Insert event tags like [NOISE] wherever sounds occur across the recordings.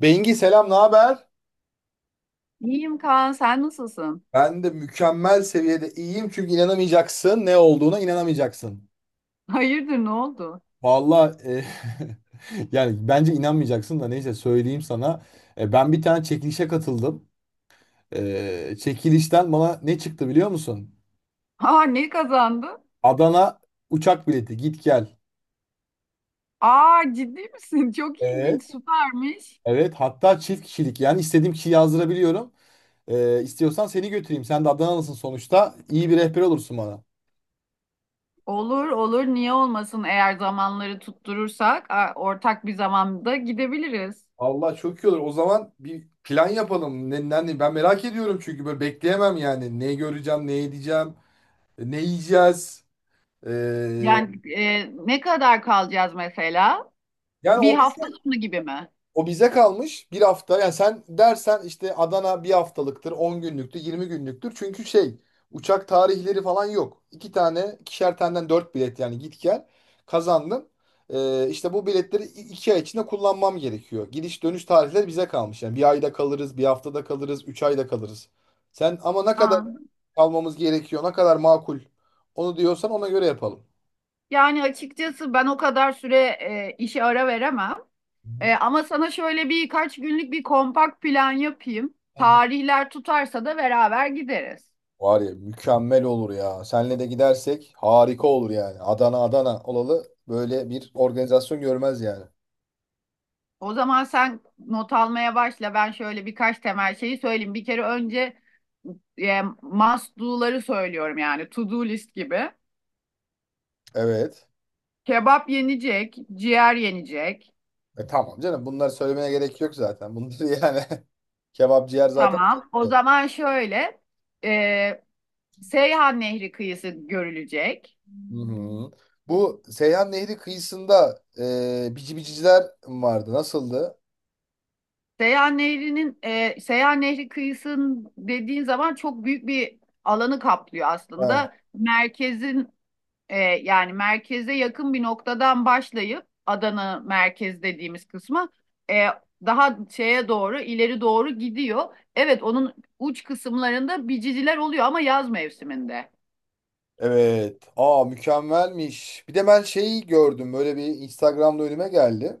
Bengi selam, ne haber? İyiyim Kaan, sen nasılsın? Ben de mükemmel seviyede iyiyim çünkü inanamayacaksın, ne olduğuna inanamayacaksın. Hayırdır, ne oldu? Valla [LAUGHS] yani bence inanmayacaksın da neyse söyleyeyim sana. Ben bir tane çekilişe katıldım. Çekilişten bana ne çıktı biliyor musun? Aa, ne kazandı? Adana uçak bileti, git gel. Aa, ciddi misin? [LAUGHS] Çok Evet. ilginç, süpermiş. Evet, hatta çift kişilik, yani istediğim kişiyi yazdırabiliyorum. İstiyorsan seni götüreyim. Sen de Adanalısın sonuçta. İyi bir rehber olursun bana. Olur, olur, niye olmasın? Eğer zamanları tutturursak, ortak bir zamanda gidebiliriz. Allah çok iyi olur. O zaman bir plan yapalım. Ben merak ediyorum çünkü böyle bekleyemem yani. Ne göreceğim, ne edeceğim, ne yiyeceğiz. Ee, Yani ne kadar kalacağız mesela? yani Bir o hafta sonu gibi mi? O bize kalmış, bir hafta. Yani sen dersen işte Adana bir haftalıktır, 10 günlüktür, 20 günlüktür. Çünkü şey, uçak tarihleri falan yok. İki tane, ikişer taneden dört bilet, yani git gel kazandın. İşte bu biletleri 2 ay içinde kullanmam gerekiyor. Gidiş dönüş tarihleri bize kalmış. Yani bir ayda kalırız, bir haftada kalırız, 3 ayda kalırız. Sen ama ne kadar Aa, kalmamız gerekiyor, ne kadar makul, onu diyorsan ona göre yapalım. yani açıkçası ben o kadar süre işe ara veremem. Hı hı. Ama sana şöyle birkaç günlük bir kompakt plan yapayım. Tarihler tutarsa da beraber gideriz. Var ya, mükemmel olur ya. Senle de gidersek harika olur yani. Adana Adana olalı böyle bir organizasyon görmez yani. O zaman sen not almaya başla. Ben şöyle birkaç temel şeyi söyleyeyim. Bir kere önce must do'ları söylüyorum yani to do list gibi. Evet. Kebap yenecek, ciğer yenecek. Tamam canım, bunları söylemene gerek yok zaten. Bunları [LAUGHS] yani, kebap ciğer zaten. Tamam. O zaman şöyle e, Seyhan Nehri kıyısı görülecek. Hı-hı. Bu Seyhan Nehri kıyısında bici biciciler vardı? Nasıldı? Seyhan Nehri'nin Seyhan Nehri kıyısının dediğin zaman çok büyük bir alanı kaplıyor Ha, aslında. E, yani merkeze yakın bir noktadan başlayıp Adana merkez dediğimiz kısma e, daha şeye doğru ileri doğru gidiyor. Evet onun uç kısımlarında biciciler oluyor ama yaz mevsiminde. evet. Aa, mükemmelmiş. Bir de ben şeyi gördüm. Böyle bir, Instagram'da önüme geldi.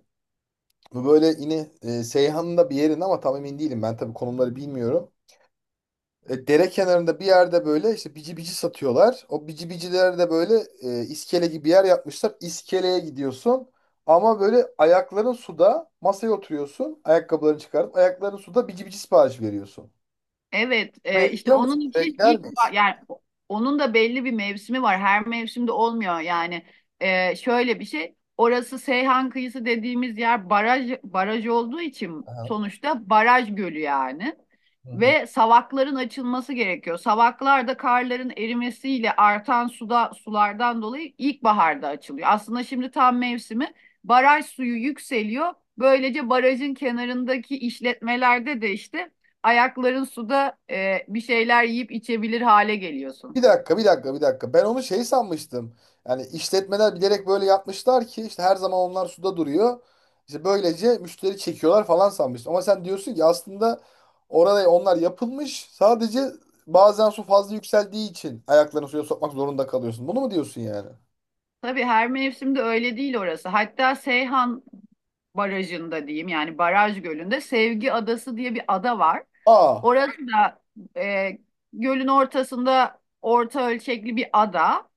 Bu böyle yine Seyhan'ın da bir yerinde ama tam emin değilim. Ben tabii konumları bilmiyorum. Dere kenarında bir yerde böyle işte bici bici satıyorlar. O bici bicilere de böyle iskele gibi bir yer yapmışlar. İskeleye gidiyorsun ama böyle ayakların suda, masaya oturuyorsun. Ayakkabılarını çıkarıp ayakların suda bici bici sipariş veriyorsun. Evet, Burayı işte biliyor onun musun? Buraya için gider miyiz? Yani onun da belli bir mevsimi var. Her mevsimde olmuyor yani. Şöyle bir şey. Orası Seyhan kıyısı dediğimiz yer baraj baraj olduğu için Aha. sonuçta baraj gölü yani. Hı hı. Ve savakların açılması gerekiyor. Savaklar da karların erimesiyle artan suda sulardan dolayı ilkbaharda açılıyor. Aslında şimdi tam mevsimi. Baraj suyu yükseliyor. Böylece barajın kenarındaki işletmelerde de işte ayakların suda bir şeyler yiyip içebilir hale geliyorsun. Bir dakika, bir dakika, bir dakika. Ben onu şey sanmıştım. Yani işletmeler bilerek böyle yapmışlar ki işte her zaman onlar suda duruyor. İşte böylece müşteri çekiyorlar falan sanmıştım. Ama sen diyorsun ki aslında orada onlar yapılmış. Sadece bazen su fazla yükseldiği için ayaklarını suya sokmak zorunda kalıyorsun. Bunu mu diyorsun yani? Tabii her mevsimde öyle değil orası. Hatta Seyhan Barajı'nda diyeyim yani Baraj Gölü'nde Sevgi Adası diye bir ada var. Aa. Orası da e, gölün ortasında orta ölçekli bir ada.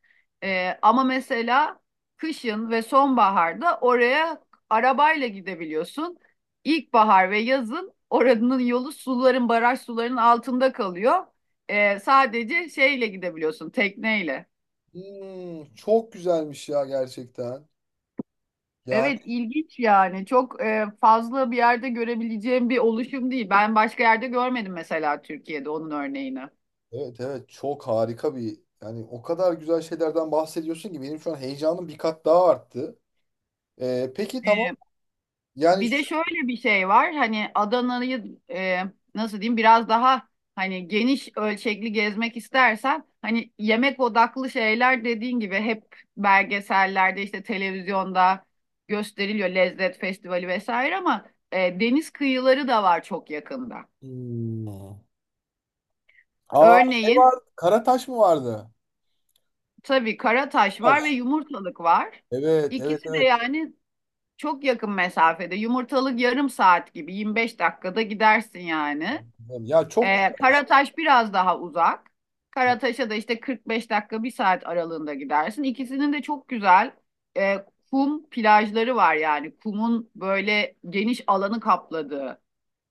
Ama mesela kışın ve sonbaharda oraya arabayla gidebiliyorsun. İlkbahar ve yazın oranın yolu suların, baraj sularının altında kalıyor. Sadece şeyle gidebiliyorsun, tekneyle. Çok güzelmiş ya, gerçekten. Yani Evet ilginç yani çok fazla bir yerde görebileceğim bir oluşum değil. Ben başka yerde görmedim mesela Türkiye'de onun örneğini. evet, evet, çok harika bir, yani o kadar güzel şeylerden bahsediyorsun ki benim şu an heyecanım bir kat daha arttı. Peki, tamam. Yani Bir de şu, şöyle bir şey var hani Adana'yı, nasıl diyeyim biraz daha hani geniş ölçekli gezmek istersen hani yemek odaklı şeyler dediğin gibi hep belgesellerde işte televizyonda gösteriliyor lezzet festivali vesaire ama, deniz kıyıları da var çok yakında. Hmm. Aa, ne Örneğin var? Karataş mı vardı? tabii Karataş Bak, var ve Yumurtalık var. evet, evet, İkisi de evet. yani çok yakın mesafede. Yumurtalık yarım saat gibi 25 dakikada gidersin yani. Ya, çok Karataş biraz daha uzak. Karataş'a da işte 45 dakika bir saat aralığında gidersin. İkisinin de çok güzel e, kum plajları var yani. Kumun böyle geniş alanı kapladığı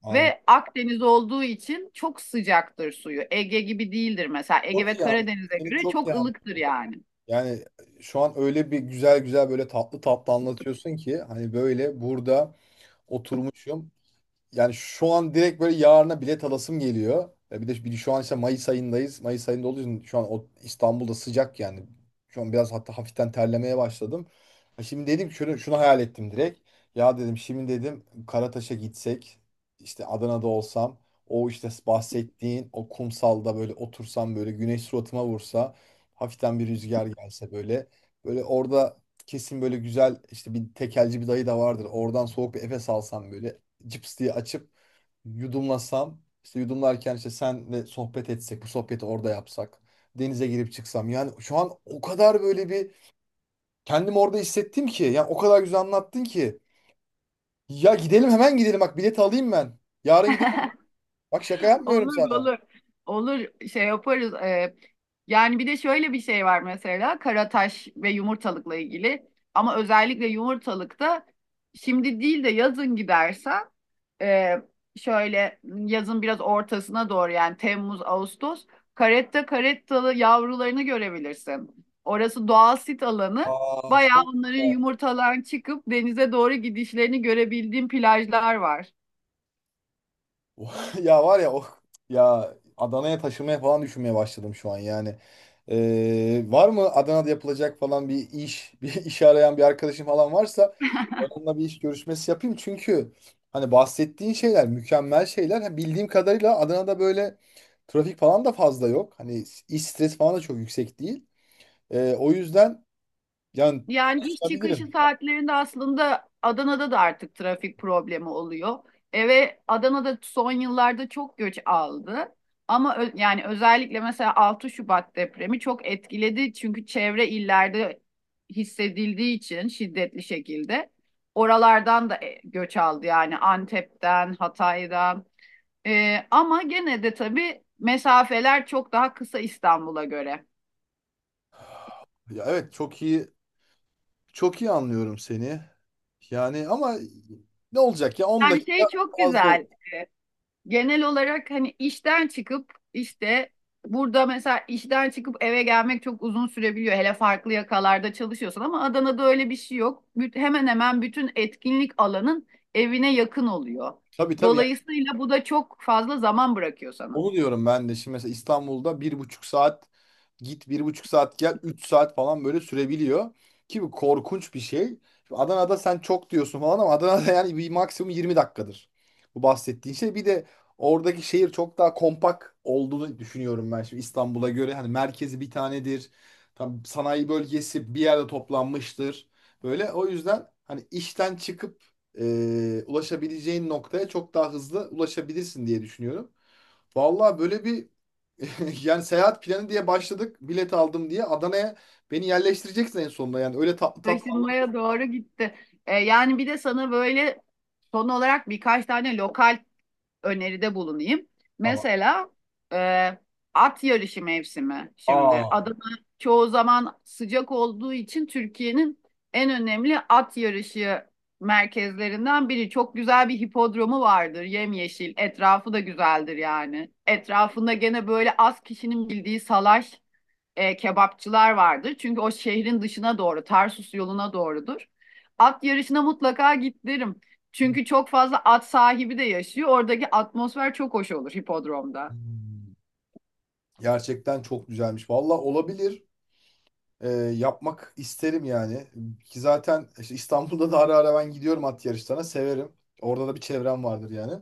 anladım. ve Akdeniz olduğu için çok sıcaktır suyu. Ege gibi değildir mesela. Ege Çok ve iyi anladım. Karadeniz'e Seni göre çok iyi çok anladım. ılıktır yani. Yani şu an öyle bir güzel güzel, böyle tatlı tatlı anlatıyorsun ki hani böyle burada oturmuşum. Yani şu an direkt böyle, yarına bilet alasım geliyor. Bir de şu an işte Mayıs ayındayız. Mayıs ayında olduğu için şu an o, İstanbul'da sıcak yani. Şu an biraz hatta hafiften terlemeye başladım. Ha, şimdi dedim ki, şunu, şunu hayal ettim direkt. Ya dedim, şimdi dedim, Karataş'a gitsek, işte Adana'da olsam, o işte bahsettiğin o kumsalda böyle otursam, böyle güneş suratıma vursa, hafiften bir rüzgar gelse, böyle böyle orada kesin böyle güzel işte bir tekelci bir dayı da vardır, oradan soğuk bir Efes alsam, böyle cips diye açıp yudumlasam, işte yudumlarken işte senle sohbet etsek, bu sohbeti orada yapsak, denize girip çıksam, yani şu an o kadar böyle bir kendimi orada hissettim ki, yani o kadar güzel anlattın ki ya, gidelim hemen, gidelim bak, bileti alayım ben, yarın gidelim. [LAUGHS] Bak, şaka yapmıyorum Olur sana. olur. Olur şey yaparız. Yani bir de şöyle bir şey var mesela karataş ve yumurtalıkla ilgili. Ama özellikle yumurtalıkta şimdi değil de yazın gidersen e, şöyle yazın biraz ortasına doğru yani Temmuz, Ağustos karetta karettalı yavrularını görebilirsin. Orası doğal sit alanı. Aa, Bayağı çok onların güzel. yumurtalardan çıkıp denize doğru gidişlerini görebildiğim plajlar var. [LAUGHS] Ya var ya, oh, ya Adana'ya taşınmaya falan düşünmeye başladım şu an yani. Var mı Adana'da yapılacak falan bir iş, [LAUGHS] bir iş arayan bir arkadaşım falan varsa onunla bir iş görüşmesi yapayım. Çünkü hani bahsettiğin şeyler mükemmel şeyler. Ha, bildiğim kadarıyla Adana'da böyle trafik falan da fazla yok. Hani iş stresi falan da çok yüksek değil. O yüzden, yani Yani iş çıkışı konuşabilirim. saatlerinde aslında Adana'da da artık trafik problemi oluyor. E ve Adana'da son yıllarda çok göç aldı. Ama yani özellikle mesela 6 Şubat depremi çok etkiledi. Çünkü çevre illerde hissedildiği için şiddetli şekilde oralardan da, göç aldı. Yani Antep'ten, Hatay'dan. Ama gene de tabii mesafeler çok daha kısa İstanbul'a göre. Ya, evet, çok iyi. Çok iyi anlıyorum seni. Yani ama ne olacak ya, 10 Yani dakika şey çok fazla oldu. güzel. Genel olarak hani işten çıkıp işte burada mesela işten çıkıp eve gelmek çok uzun sürebiliyor. Hele farklı yakalarda çalışıyorsan ama Adana'da öyle bir şey yok. Hemen hemen bütün etkinlik alanın evine yakın oluyor. Tabii, tabii. Dolayısıyla bu da çok fazla zaman bırakıyor sana. Onu diyorum ben de. Şimdi mesela İstanbul'da 1,5 saat git, 1,5 saat gel, 3 saat falan böyle sürebiliyor. Ki bu korkunç bir şey. Şimdi Adana'da sen çok diyorsun falan ama Adana'da [LAUGHS] yani bir maksimum 20 dakikadır. Bu, bahsettiğin şey. Bir de oradaki şehir çok daha kompakt olduğunu düşünüyorum ben şimdi İstanbul'a göre. Hani merkezi bir tanedir. Tam, sanayi bölgesi bir yerde toplanmıştır. Böyle, o yüzden hani işten çıkıp ulaşabileceğin noktaya çok daha hızlı ulaşabilirsin diye düşünüyorum. Vallahi böyle bir [LAUGHS] yani seyahat planı diye başladık. Bilet aldım diye Adana'ya beni yerleştireceksin en sonunda. Yani öyle tatlı tatlı Taşınmaya anlatıyorsun doğru gitti. Yani bir de sana böyle son olarak birkaç tane lokal öneride bulunayım. ama. Mesela e, at yarışı mevsimi şimdi. Aa. Adana çoğu zaman sıcak olduğu için Türkiye'nin en önemli at yarışı merkezlerinden biri. Çok güzel bir hipodromu vardır, yemyeşil. Etrafı da güzeldir yani. Etrafında gene böyle az kişinin bildiği salaş kebapçılar vardır. Çünkü o şehrin dışına doğru, Tarsus yoluna doğrudur. At yarışına mutlaka git derim. Çünkü çok fazla at sahibi de yaşıyor. Oradaki atmosfer çok hoş olur hipodromda. Hmm. Gerçekten çok güzelmiş. Vallahi, olabilir. Yapmak isterim yani. Ki zaten işte İstanbul'da da ara ara ben gidiyorum at yarışlarına. Severim. Orada da bir çevrem vardır yani.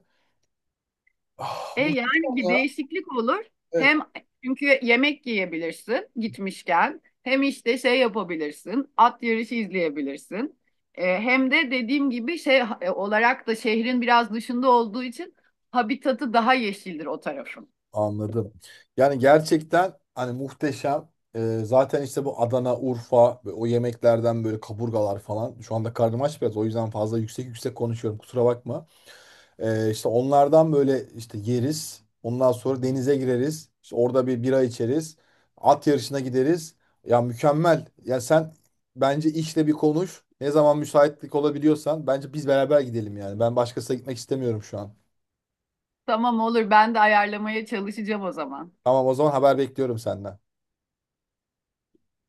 Ah, E muhteşem yani bir ya. değişiklik olur. Evet. Hem çünkü yemek yiyebilirsin gitmişken. Hem işte şey yapabilirsin. At yarışı izleyebilirsin. Hem de dediğim gibi şey olarak da şehrin biraz dışında olduğu için habitatı daha yeşildir o tarafın. Anladım. Yani gerçekten hani muhteşem. Zaten işte bu Adana, Urfa ve o yemeklerden böyle kaburgalar falan. Şu anda karnım aç biraz. O yüzden fazla yüksek yüksek konuşuyorum. Kusura bakma. İşte onlardan böyle işte yeriz. Ondan sonra denize gireriz. İşte orada bir bira içeriz. At yarışına gideriz. Ya mükemmel. Ya sen, bence işle bir konuş. Ne zaman müsaitlik olabiliyorsan bence biz beraber gidelim yani. Ben başkasına gitmek istemiyorum şu an. Tamam olur ben de ayarlamaya çalışacağım o zaman. Tamam, o zaman haber bekliyorum senden.